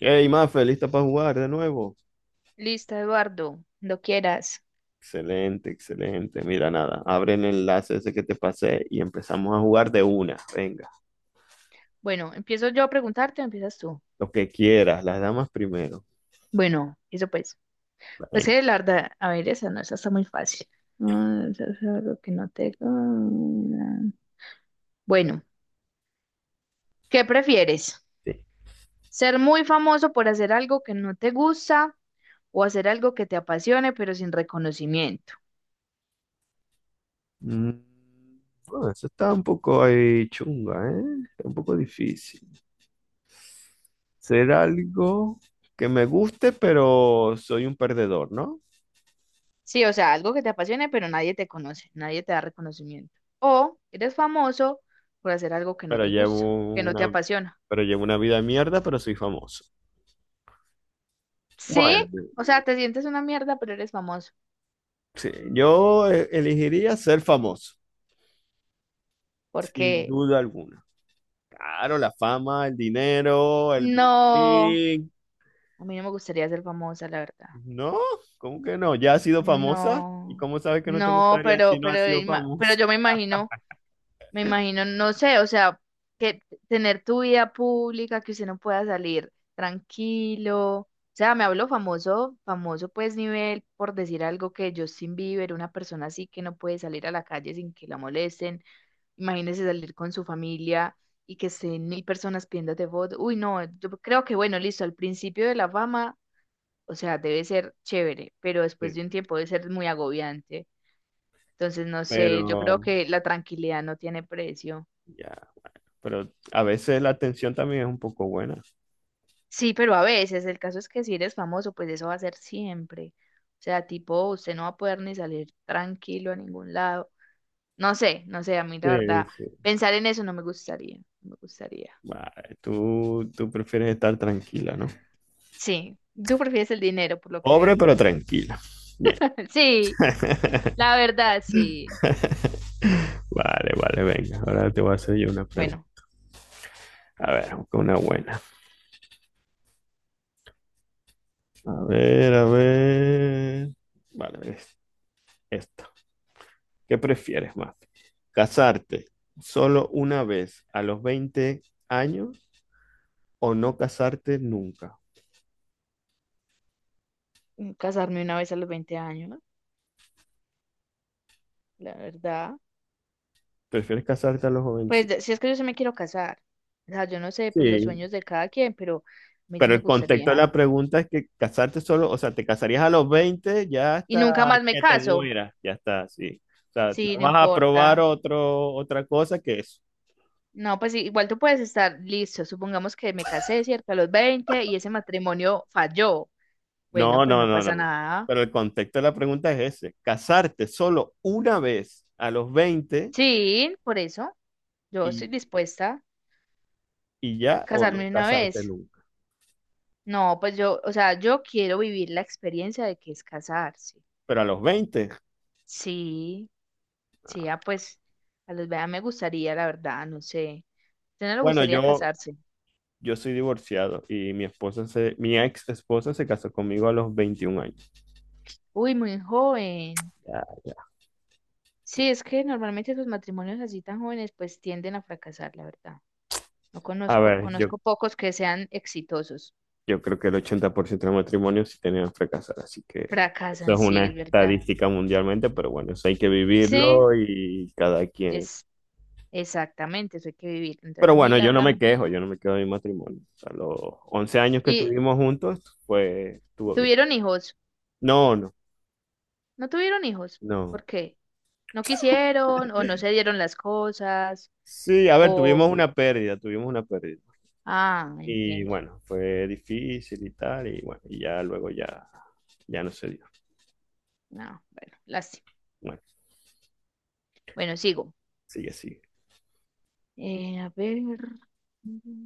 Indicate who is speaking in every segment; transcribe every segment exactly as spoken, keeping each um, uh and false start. Speaker 1: Hey, Mafe, ¿lista para jugar de nuevo?
Speaker 2: Listo, Eduardo, lo quieras.
Speaker 1: Excelente, excelente. Mira, nada, abre el enlace ese que te pasé y empezamos a jugar de una. Venga,
Speaker 2: Bueno, ¿empiezo yo a preguntarte o empiezas tú?
Speaker 1: lo que quieras, las damas primero.
Speaker 2: Bueno, eso pues. Pues
Speaker 1: Venga,
Speaker 2: que la verdad, a ver, esa no, esa está muy fácil. Ah, eso es algo que no te... Bueno, ¿qué prefieres?
Speaker 1: sí.
Speaker 2: ¿Ser muy famoso por hacer algo que no te gusta o hacer algo que te apasione pero sin reconocimiento?
Speaker 1: Mm, bueno, eso está un poco ahí chunga, ¿eh? Está un poco difícil. Ser algo que me guste, pero soy un perdedor, ¿no?
Speaker 2: Sí, o sea, algo que te apasione pero nadie te conoce, nadie te da reconocimiento. O eres famoso por hacer algo que no
Speaker 1: Pero
Speaker 2: te gusta,
Speaker 1: llevo
Speaker 2: que no
Speaker 1: una,
Speaker 2: te apasiona.
Speaker 1: pero llevo una vida de mierda, pero soy famoso.
Speaker 2: Sí,
Speaker 1: Bueno,
Speaker 2: o sea, te sientes una mierda, pero eres famoso.
Speaker 1: sí, yo eh, elegiría ser famoso. Sin
Speaker 2: Porque
Speaker 1: duda alguna. Claro, la fama, el dinero, el bling
Speaker 2: no,
Speaker 1: bling.
Speaker 2: a mí no me gustaría ser famosa, la verdad.
Speaker 1: No, ¿cómo que no? ¿Ya has sido famosa? ¿Y
Speaker 2: No,
Speaker 1: cómo sabes que no te
Speaker 2: no,
Speaker 1: gustaría si
Speaker 2: pero,
Speaker 1: no
Speaker 2: pero,
Speaker 1: has sido
Speaker 2: ima- pero
Speaker 1: famosa?
Speaker 2: yo me imagino, me imagino, no sé, o sea, que tener tu vida pública, que usted no pueda salir tranquilo. O sea, me hablo famoso, famoso pues nivel, por decir algo que Justin Bieber, una persona así que no puede salir a la calle sin que la molesten. Imagínese salir con su familia y que estén mil personas pidiéndote fotos. Uy, no, yo creo que bueno, listo, al principio de la fama, o sea, debe ser chévere, pero
Speaker 1: Sí,
Speaker 2: después de un tiempo debe ser muy agobiante. Entonces, no sé, yo creo
Speaker 1: pero
Speaker 2: que la tranquilidad no tiene precio.
Speaker 1: ya, pero a veces la atención también es un poco buena.
Speaker 2: Sí, pero a veces, el caso es que si eres famoso, pues eso va a ser siempre. O sea, tipo, usted no va a poder ni salir tranquilo a ningún lado. No sé, no sé, a mí la
Speaker 1: Sí,
Speaker 2: verdad,
Speaker 1: sí.
Speaker 2: pensar en eso no me gustaría, no me gustaría.
Speaker 1: Vale, tú, tú prefieres estar tranquila, ¿no?
Speaker 2: Sí, tú prefieres el dinero, por lo que
Speaker 1: Pobre
Speaker 2: veo.
Speaker 1: pero tranquila. Bien,
Speaker 2: Sí, la verdad, sí.
Speaker 1: vale, vale, venga. Ahora te voy a hacer yo una pregunta.
Speaker 2: Bueno,
Speaker 1: A ver, busca una buena. A ver, a ver. Vale, es esta. ¿Qué prefieres más? ¿Casarte solo una vez a los veinte años o no casarte nunca?
Speaker 2: mm, casarme una vez a los veinte años, la verdad.
Speaker 1: ¿Prefieres casarte a los
Speaker 2: Pues
Speaker 1: jovencitos?
Speaker 2: de- si es que yo sí me quiero casar. O sea, yo no sé, pues los
Speaker 1: Sí,
Speaker 2: sueños de cada quien, pero a mí sí
Speaker 1: pero
Speaker 2: me
Speaker 1: el contexto de
Speaker 2: gustaría.
Speaker 1: la pregunta es que casarte solo, o sea, te casarías a los veinte ya
Speaker 2: Y
Speaker 1: hasta
Speaker 2: nunca más me
Speaker 1: que te
Speaker 2: caso.
Speaker 1: mueras, ya está, sí. O sea,
Speaker 2: Sí,
Speaker 1: no
Speaker 2: no
Speaker 1: vas a probar
Speaker 2: importa.
Speaker 1: otro, otra cosa que eso.
Speaker 2: No, pues sí, igual tú puedes estar listo. Supongamos que me casé, ¿cierto? A los veinte y ese matrimonio falló. Bueno,
Speaker 1: No,
Speaker 2: pues
Speaker 1: no,
Speaker 2: no
Speaker 1: no,
Speaker 2: pasa
Speaker 1: no.
Speaker 2: nada.
Speaker 1: Pero el contexto de la pregunta es ese, casarte solo una vez a los veinte
Speaker 2: Sí, por eso yo estoy
Speaker 1: y,
Speaker 2: dispuesta a
Speaker 1: y ya o no
Speaker 2: casarme una
Speaker 1: casarte
Speaker 2: vez.
Speaker 1: nunca.
Speaker 2: No, pues yo, o sea, yo quiero vivir la experiencia de que es casarse.
Speaker 1: Pero a los veinte,
Speaker 2: Sí, sí, ah, pues a los vea me gustaría, la verdad, no sé. ¿Usted no le
Speaker 1: bueno,
Speaker 2: gustaría
Speaker 1: yo,
Speaker 2: casarse?
Speaker 1: yo soy divorciado y mi esposa se, mi ex esposa se casó conmigo a los veintiún años.
Speaker 2: Uy, muy joven.
Speaker 1: Ya, ya.
Speaker 2: Sí, es que normalmente los matrimonios así tan jóvenes pues tienden a fracasar, la verdad. No
Speaker 1: A
Speaker 2: conozco,
Speaker 1: ver, yo,
Speaker 2: conozco pocos que sean exitosos.
Speaker 1: yo creo que el ochenta por ciento de los matrimonios sí tenían fracasar, así que eso
Speaker 2: Fracasan,
Speaker 1: es
Speaker 2: sí,
Speaker 1: una
Speaker 2: es verdad.
Speaker 1: estadística mundialmente, pero bueno, eso hay que
Speaker 2: Sí,
Speaker 1: vivirlo y cada quien.
Speaker 2: es exactamente, eso hay que vivir. Entonces
Speaker 1: Pero
Speaker 2: a mí,
Speaker 1: bueno,
Speaker 2: la
Speaker 1: yo no
Speaker 2: verdad.
Speaker 1: me quejo, yo no me quejo de mi matrimonio. O sea, los once años que
Speaker 2: ¿Y,
Speaker 1: estuvimos juntos, pues
Speaker 2: y
Speaker 1: estuvo bien.
Speaker 2: tuvieron hijos?
Speaker 1: No, no,
Speaker 2: ¿No tuvieron hijos?
Speaker 1: no.
Speaker 2: ¿Por qué? No quisieron o no se dieron las cosas
Speaker 1: Sí, a ver,
Speaker 2: o...
Speaker 1: tuvimos una pérdida, tuvimos una pérdida.
Speaker 2: Ah,
Speaker 1: Y
Speaker 2: entiendo.
Speaker 1: bueno, fue difícil y tal, y bueno, y ya luego ya, ya no se dio.
Speaker 2: No, bueno, lástima.
Speaker 1: Bueno,
Speaker 2: Bueno, sigo.
Speaker 1: sigue, sigue.
Speaker 2: Eh, a ver.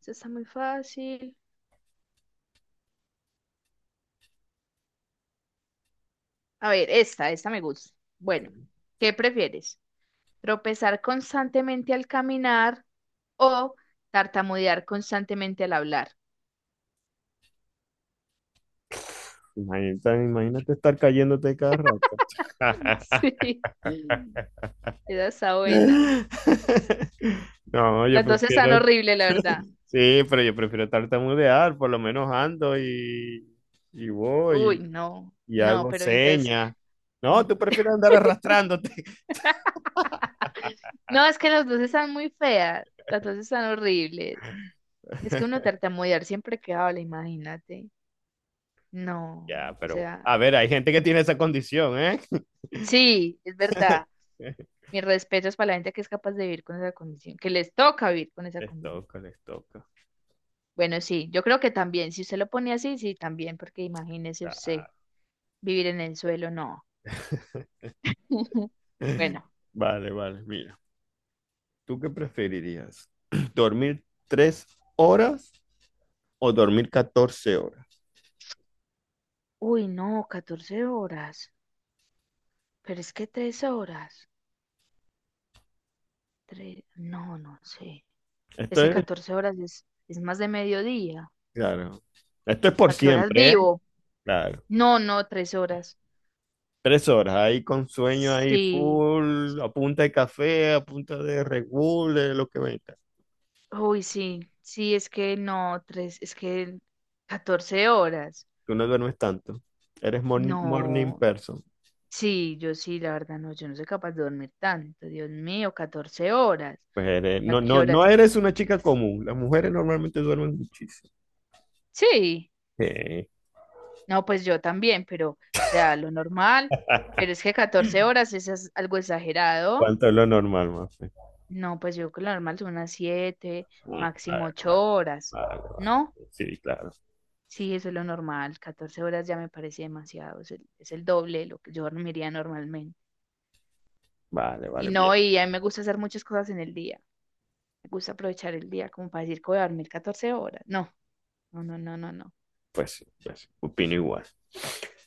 Speaker 2: Esta está muy fácil. A ver, esta, esta me gusta.
Speaker 1: Ok.
Speaker 2: Bueno, ¿qué prefieres? ¿Tropezar constantemente al caminar o tartamudear constantemente al hablar?
Speaker 1: Imagínate, imagínate estar cayéndote cada rato.
Speaker 2: Sí, esa está buena.
Speaker 1: No, yo
Speaker 2: Las dos están
Speaker 1: prefiero,
Speaker 2: horribles, la verdad.
Speaker 1: sí, pero yo prefiero tartamudear, por lo menos ando y, y
Speaker 2: Uy,
Speaker 1: voy
Speaker 2: no,
Speaker 1: y
Speaker 2: no,
Speaker 1: hago
Speaker 2: pero entonces,
Speaker 1: señas.
Speaker 2: mm,
Speaker 1: No, tú prefieres andar arrastrándote.
Speaker 2: no, es que las dos están muy feas, las dos están horribles. Es que uno tartamudear siempre que habla, imagínate. No,
Speaker 1: Ya,
Speaker 2: o
Speaker 1: pero a
Speaker 2: sea,
Speaker 1: ver, hay gente que tiene esa condición, ¿eh?
Speaker 2: sí, es verdad. Mis respetos para la gente que es capaz de vivir con esa condición, que les toca vivir con esa
Speaker 1: Les
Speaker 2: condición.
Speaker 1: toca, les toca.
Speaker 2: Bueno, sí, yo creo que también, si usted lo pone así, sí, también, porque imagínese usted
Speaker 1: Ah.
Speaker 2: vivir en el suelo, no. Bueno,
Speaker 1: Vale, vale, mira. ¿Tú qué preferirías? ¿Dormir tres horas o dormir catorce horas?
Speaker 2: uy, no, catorce horas, pero es que tres horas, tres, no, no sé. Es
Speaker 1: Esto
Speaker 2: que
Speaker 1: es,
Speaker 2: catorce horas es, es más de mediodía.
Speaker 1: claro. Esto es por
Speaker 2: ¿A qué horas
Speaker 1: siempre, ¿eh?
Speaker 2: vivo?
Speaker 1: Claro.
Speaker 2: No, no, tres horas.
Speaker 1: Tres horas ahí con sueño ahí
Speaker 2: Sí,
Speaker 1: full, a punta de café, a punta de Red Bull, de lo que venga.
Speaker 2: uy, sí, sí, es que no, tres, es que catorce horas.
Speaker 1: Tú no duermes tanto. Eres morning, morning
Speaker 2: No,
Speaker 1: person.
Speaker 2: sí, yo sí, la verdad, no, yo no soy capaz de dormir tanto, Dios mío, catorce horas.
Speaker 1: Pues eres-
Speaker 2: ¿Y a
Speaker 1: no,
Speaker 2: qué
Speaker 1: no, no
Speaker 2: horas?
Speaker 1: eres una chica común. Las mujeres normalmente duermen muchísimo.
Speaker 2: Sí, no, pues yo también, pero, o sea, lo normal, pero es que catorce horas eso es algo exagerado.
Speaker 1: ¿Cuánto es lo normal, Mafe?
Speaker 2: No, pues yo creo que lo normal son unas siete,
Speaker 1: Ah, vale,
Speaker 2: máximo ocho
Speaker 1: vale,
Speaker 2: horas,
Speaker 1: vale, vale.
Speaker 2: ¿no?
Speaker 1: Sí, claro.
Speaker 2: Sí, eso es lo normal. Catorce horas ya me parece demasiado. Es el, es el doble de lo que yo dormiría normalmente.
Speaker 1: Vale,
Speaker 2: Y
Speaker 1: vale, bien.
Speaker 2: no, y a mí me gusta hacer muchas cosas en el día. Me gusta aprovechar el día como para decir que voy a dormir catorce horas. No, no, no, no, no, no.
Speaker 1: Pues sí, pues sí. Opino igual.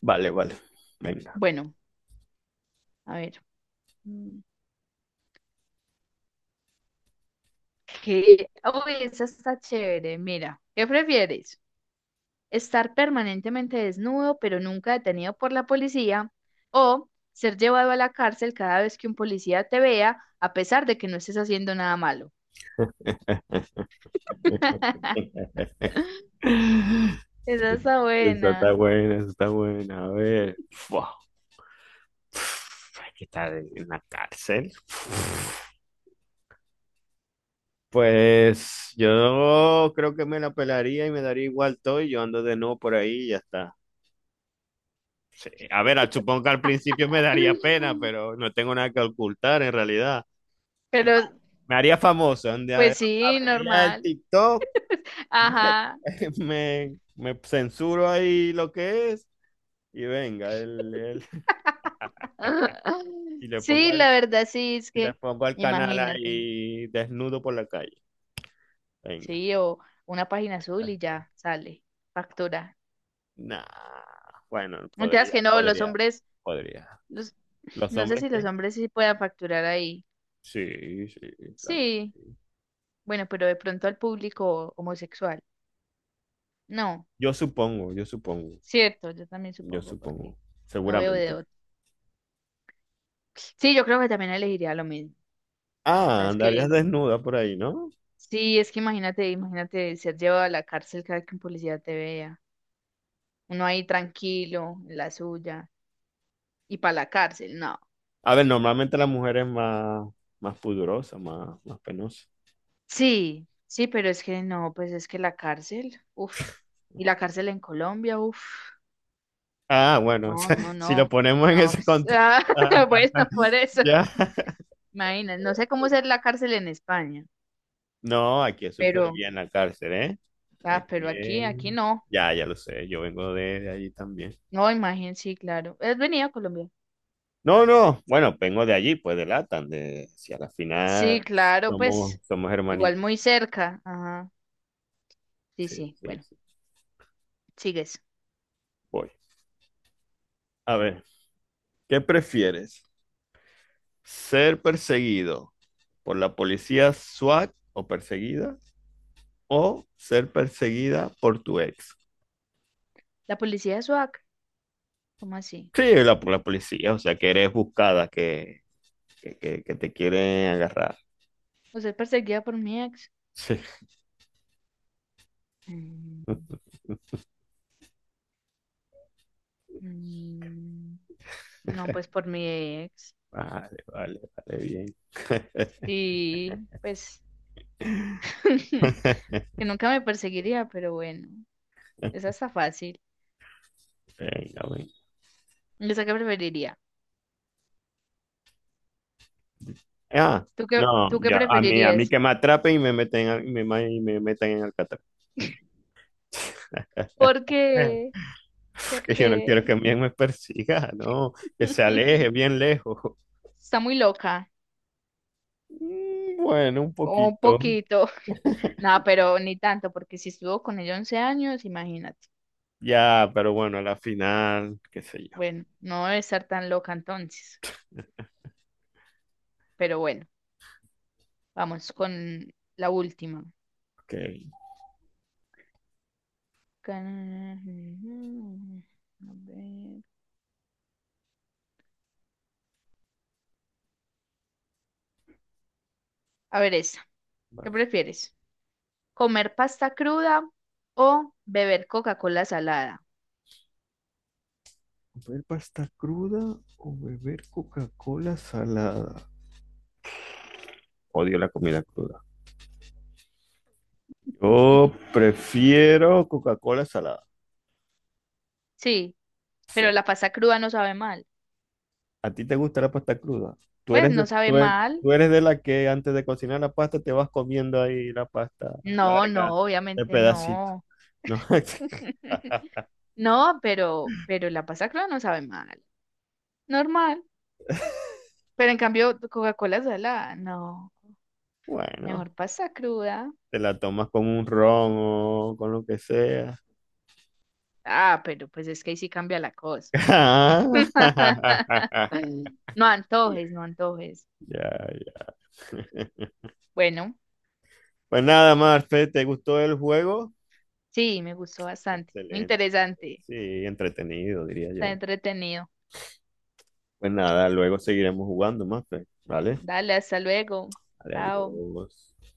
Speaker 1: Vale, vale. Venga.
Speaker 2: Bueno, a ver. mm, ¿Qué? Uy, esa está chévere. Mira, ¿qué prefieres? ¿Estar permanentemente desnudo pero nunca detenido por la policía? ¿O ser llevado a la cárcel cada vez que un policía te vea a pesar de que no estés haciendo nada malo? Esa está
Speaker 1: Esa está
Speaker 2: buena.
Speaker 1: buena, esa está buena. A ver. Fua. Uf, hay que estar en la cárcel. Pues yo creo que me la pelaría y me daría igual todo y yo ando de nuevo por ahí y ya está. A ver, supongo que al principio me daría pena, pero no tengo nada que ocultar en realidad.
Speaker 2: Pero,
Speaker 1: Me haría famoso. Un día
Speaker 2: pues sí,
Speaker 1: abriría el
Speaker 2: normal.
Speaker 1: TikTok,
Speaker 2: Ajá.
Speaker 1: me, me censuro ahí lo que es y venga, el, el- y le pongo
Speaker 2: Sí,
Speaker 1: al,
Speaker 2: la verdad sí, es
Speaker 1: y le
Speaker 2: que,
Speaker 1: pongo al canal
Speaker 2: imagínate,
Speaker 1: ahí desnudo por la calle. Venga.
Speaker 2: sí, o una página azul y ya sale, factura.
Speaker 1: Nah. Bueno,
Speaker 2: Mientras
Speaker 1: podría,
Speaker 2: que no, los
Speaker 1: podría,
Speaker 2: hombres,
Speaker 1: podría.
Speaker 2: los,
Speaker 1: ¿Los
Speaker 2: no sé
Speaker 1: hombres
Speaker 2: si los
Speaker 1: qué?
Speaker 2: hombres sí puedan facturar ahí.
Speaker 1: Sí, sí, claro.
Speaker 2: Sí, bueno, pero de pronto al público homosexual. No,
Speaker 1: Yo supongo, yo supongo,
Speaker 2: cierto, yo también
Speaker 1: yo
Speaker 2: supongo, porque
Speaker 1: supongo,
Speaker 2: no veo de
Speaker 1: seguramente.
Speaker 2: otro. Sí, yo creo que también elegiría lo mismo. La verdad
Speaker 1: Ah,
Speaker 2: es
Speaker 1: andarías
Speaker 2: que
Speaker 1: desnuda por ahí, ¿no?
Speaker 2: sí, es que imagínate, imagínate ser llevado a la cárcel cada que un policía te vea. Uno ahí tranquilo, en la suya, y para la cárcel, no.
Speaker 1: A ver, normalmente la mujer es más, más pudorosa, más, más penosa.
Speaker 2: Sí, sí, pero es que no, pues es que la cárcel, uff, y la cárcel en Colombia, uff,
Speaker 1: Ah, bueno, o
Speaker 2: no,
Speaker 1: sea,
Speaker 2: no,
Speaker 1: si lo
Speaker 2: no,
Speaker 1: ponemos en
Speaker 2: no,
Speaker 1: ese contexto.
Speaker 2: ah, bueno, por eso,
Speaker 1: Ya.
Speaker 2: imagínate, no sé cómo ser la cárcel en España,
Speaker 1: No, aquí es súper
Speaker 2: pero,
Speaker 1: bien la cárcel, ¿eh?
Speaker 2: ah,
Speaker 1: Aquí
Speaker 2: pero aquí,
Speaker 1: es...
Speaker 2: aquí no,
Speaker 1: Ya, ya lo sé, yo vengo de, de allí también.
Speaker 2: no, imagínate, sí, claro, ¿has venido a Colombia?
Speaker 1: No, no, bueno, vengo de allí, pues de Latam, de si a la
Speaker 2: Sí,
Speaker 1: final
Speaker 2: claro,
Speaker 1: somos,
Speaker 2: pues,
Speaker 1: somos
Speaker 2: igual
Speaker 1: hermanitos.
Speaker 2: muy cerca, ajá. Sí,
Speaker 1: Sí,
Speaker 2: sí,
Speaker 1: sí,
Speaker 2: bueno,
Speaker 1: sí.
Speaker 2: sigues.
Speaker 1: Voy. A ver, ¿qué prefieres? ¿Ser perseguido por la policía SWAT o perseguida o ser perseguida por tu ex?
Speaker 2: La policía de S W A C, ¿cómo así?
Speaker 1: Sí, la, la policía, o sea, que eres buscada, que, que, que- que te quieren agarrar.
Speaker 2: ¿Usted es perseguida por mi ex?
Speaker 1: Sí.
Speaker 2: Mm, mm, no, pues por mi ex.
Speaker 1: Vale, vale, vale, bien.
Speaker 2: Sí, pues que nunca me perseguiría, pero bueno, esa está fácil.
Speaker 1: Venga, venga.
Speaker 2: ¿Esa qué preferiría?
Speaker 1: Ah,
Speaker 2: ¿Tú qué,
Speaker 1: no,
Speaker 2: tú qué
Speaker 1: ya, a mí, a mí
Speaker 2: preferirías?
Speaker 1: que me atrapen y me meten, al- y me, ma- y me metan en Alcatraz.
Speaker 2: ¿Por
Speaker 1: Eh,
Speaker 2: qué? ¿Por
Speaker 1: que yo no quiero
Speaker 2: qué?
Speaker 1: que bien me persiga, no, que se aleje bien lejos.
Speaker 2: Está muy loca.
Speaker 1: Mm, Bueno, un
Speaker 2: Un
Speaker 1: poquito.
Speaker 2: poquito. Nada pero ni tanto, porque si estuvo con ella once años, imagínate.
Speaker 1: Ya, pero bueno, a la final, qué sé yo.
Speaker 2: Bueno, no debe estar tan loca entonces, pero bueno, vamos con la última.
Speaker 1: Ok.
Speaker 2: Can- A ver, a ver esta. ¿Qué
Speaker 1: Bueno.
Speaker 2: prefieres? ¿Comer pasta cruda o beber Coca-Cola salada?
Speaker 1: ¿Beber pasta cruda o beber Coca-Cola salada? Odio la comida cruda. Yo prefiero Coca-Cola salada.
Speaker 2: Sí,
Speaker 1: Sí.
Speaker 2: pero la pasta cruda no sabe mal.
Speaker 1: ¿A ti te gusta la pasta cruda? Tú
Speaker 2: Pues
Speaker 1: eres de,
Speaker 2: no sabe
Speaker 1: tú eres,
Speaker 2: mal.
Speaker 1: tú eres de la que antes de cocinar la pasta te vas comiendo ahí la pasta
Speaker 2: No,
Speaker 1: larga,
Speaker 2: no,
Speaker 1: de
Speaker 2: obviamente
Speaker 1: pedacito.
Speaker 2: no.
Speaker 1: No,
Speaker 2: No, pero, pero la pasta cruda no sabe mal. Normal. Pero en cambio, Coca-Cola salada, no.
Speaker 1: bueno,
Speaker 2: Mejor pasta cruda.
Speaker 1: te la tomas con un ron o con lo que sea.
Speaker 2: Ah, pero pues es que ahí sí cambia la cosa. No antojes, no antojes.
Speaker 1: Ya, ya.
Speaker 2: Bueno,
Speaker 1: Pues nada, Marfe, ¿te gustó el juego?
Speaker 2: sí, me gustó bastante. Muy
Speaker 1: Excelente.
Speaker 2: interesante.
Speaker 1: Sí, entretenido, diría
Speaker 2: Está
Speaker 1: yo.
Speaker 2: entretenido.
Speaker 1: Pues nada, luego seguiremos jugando más, Fer, ¿vale?
Speaker 2: Dale, hasta luego.
Speaker 1: Vale,
Speaker 2: Chao.
Speaker 1: adiós.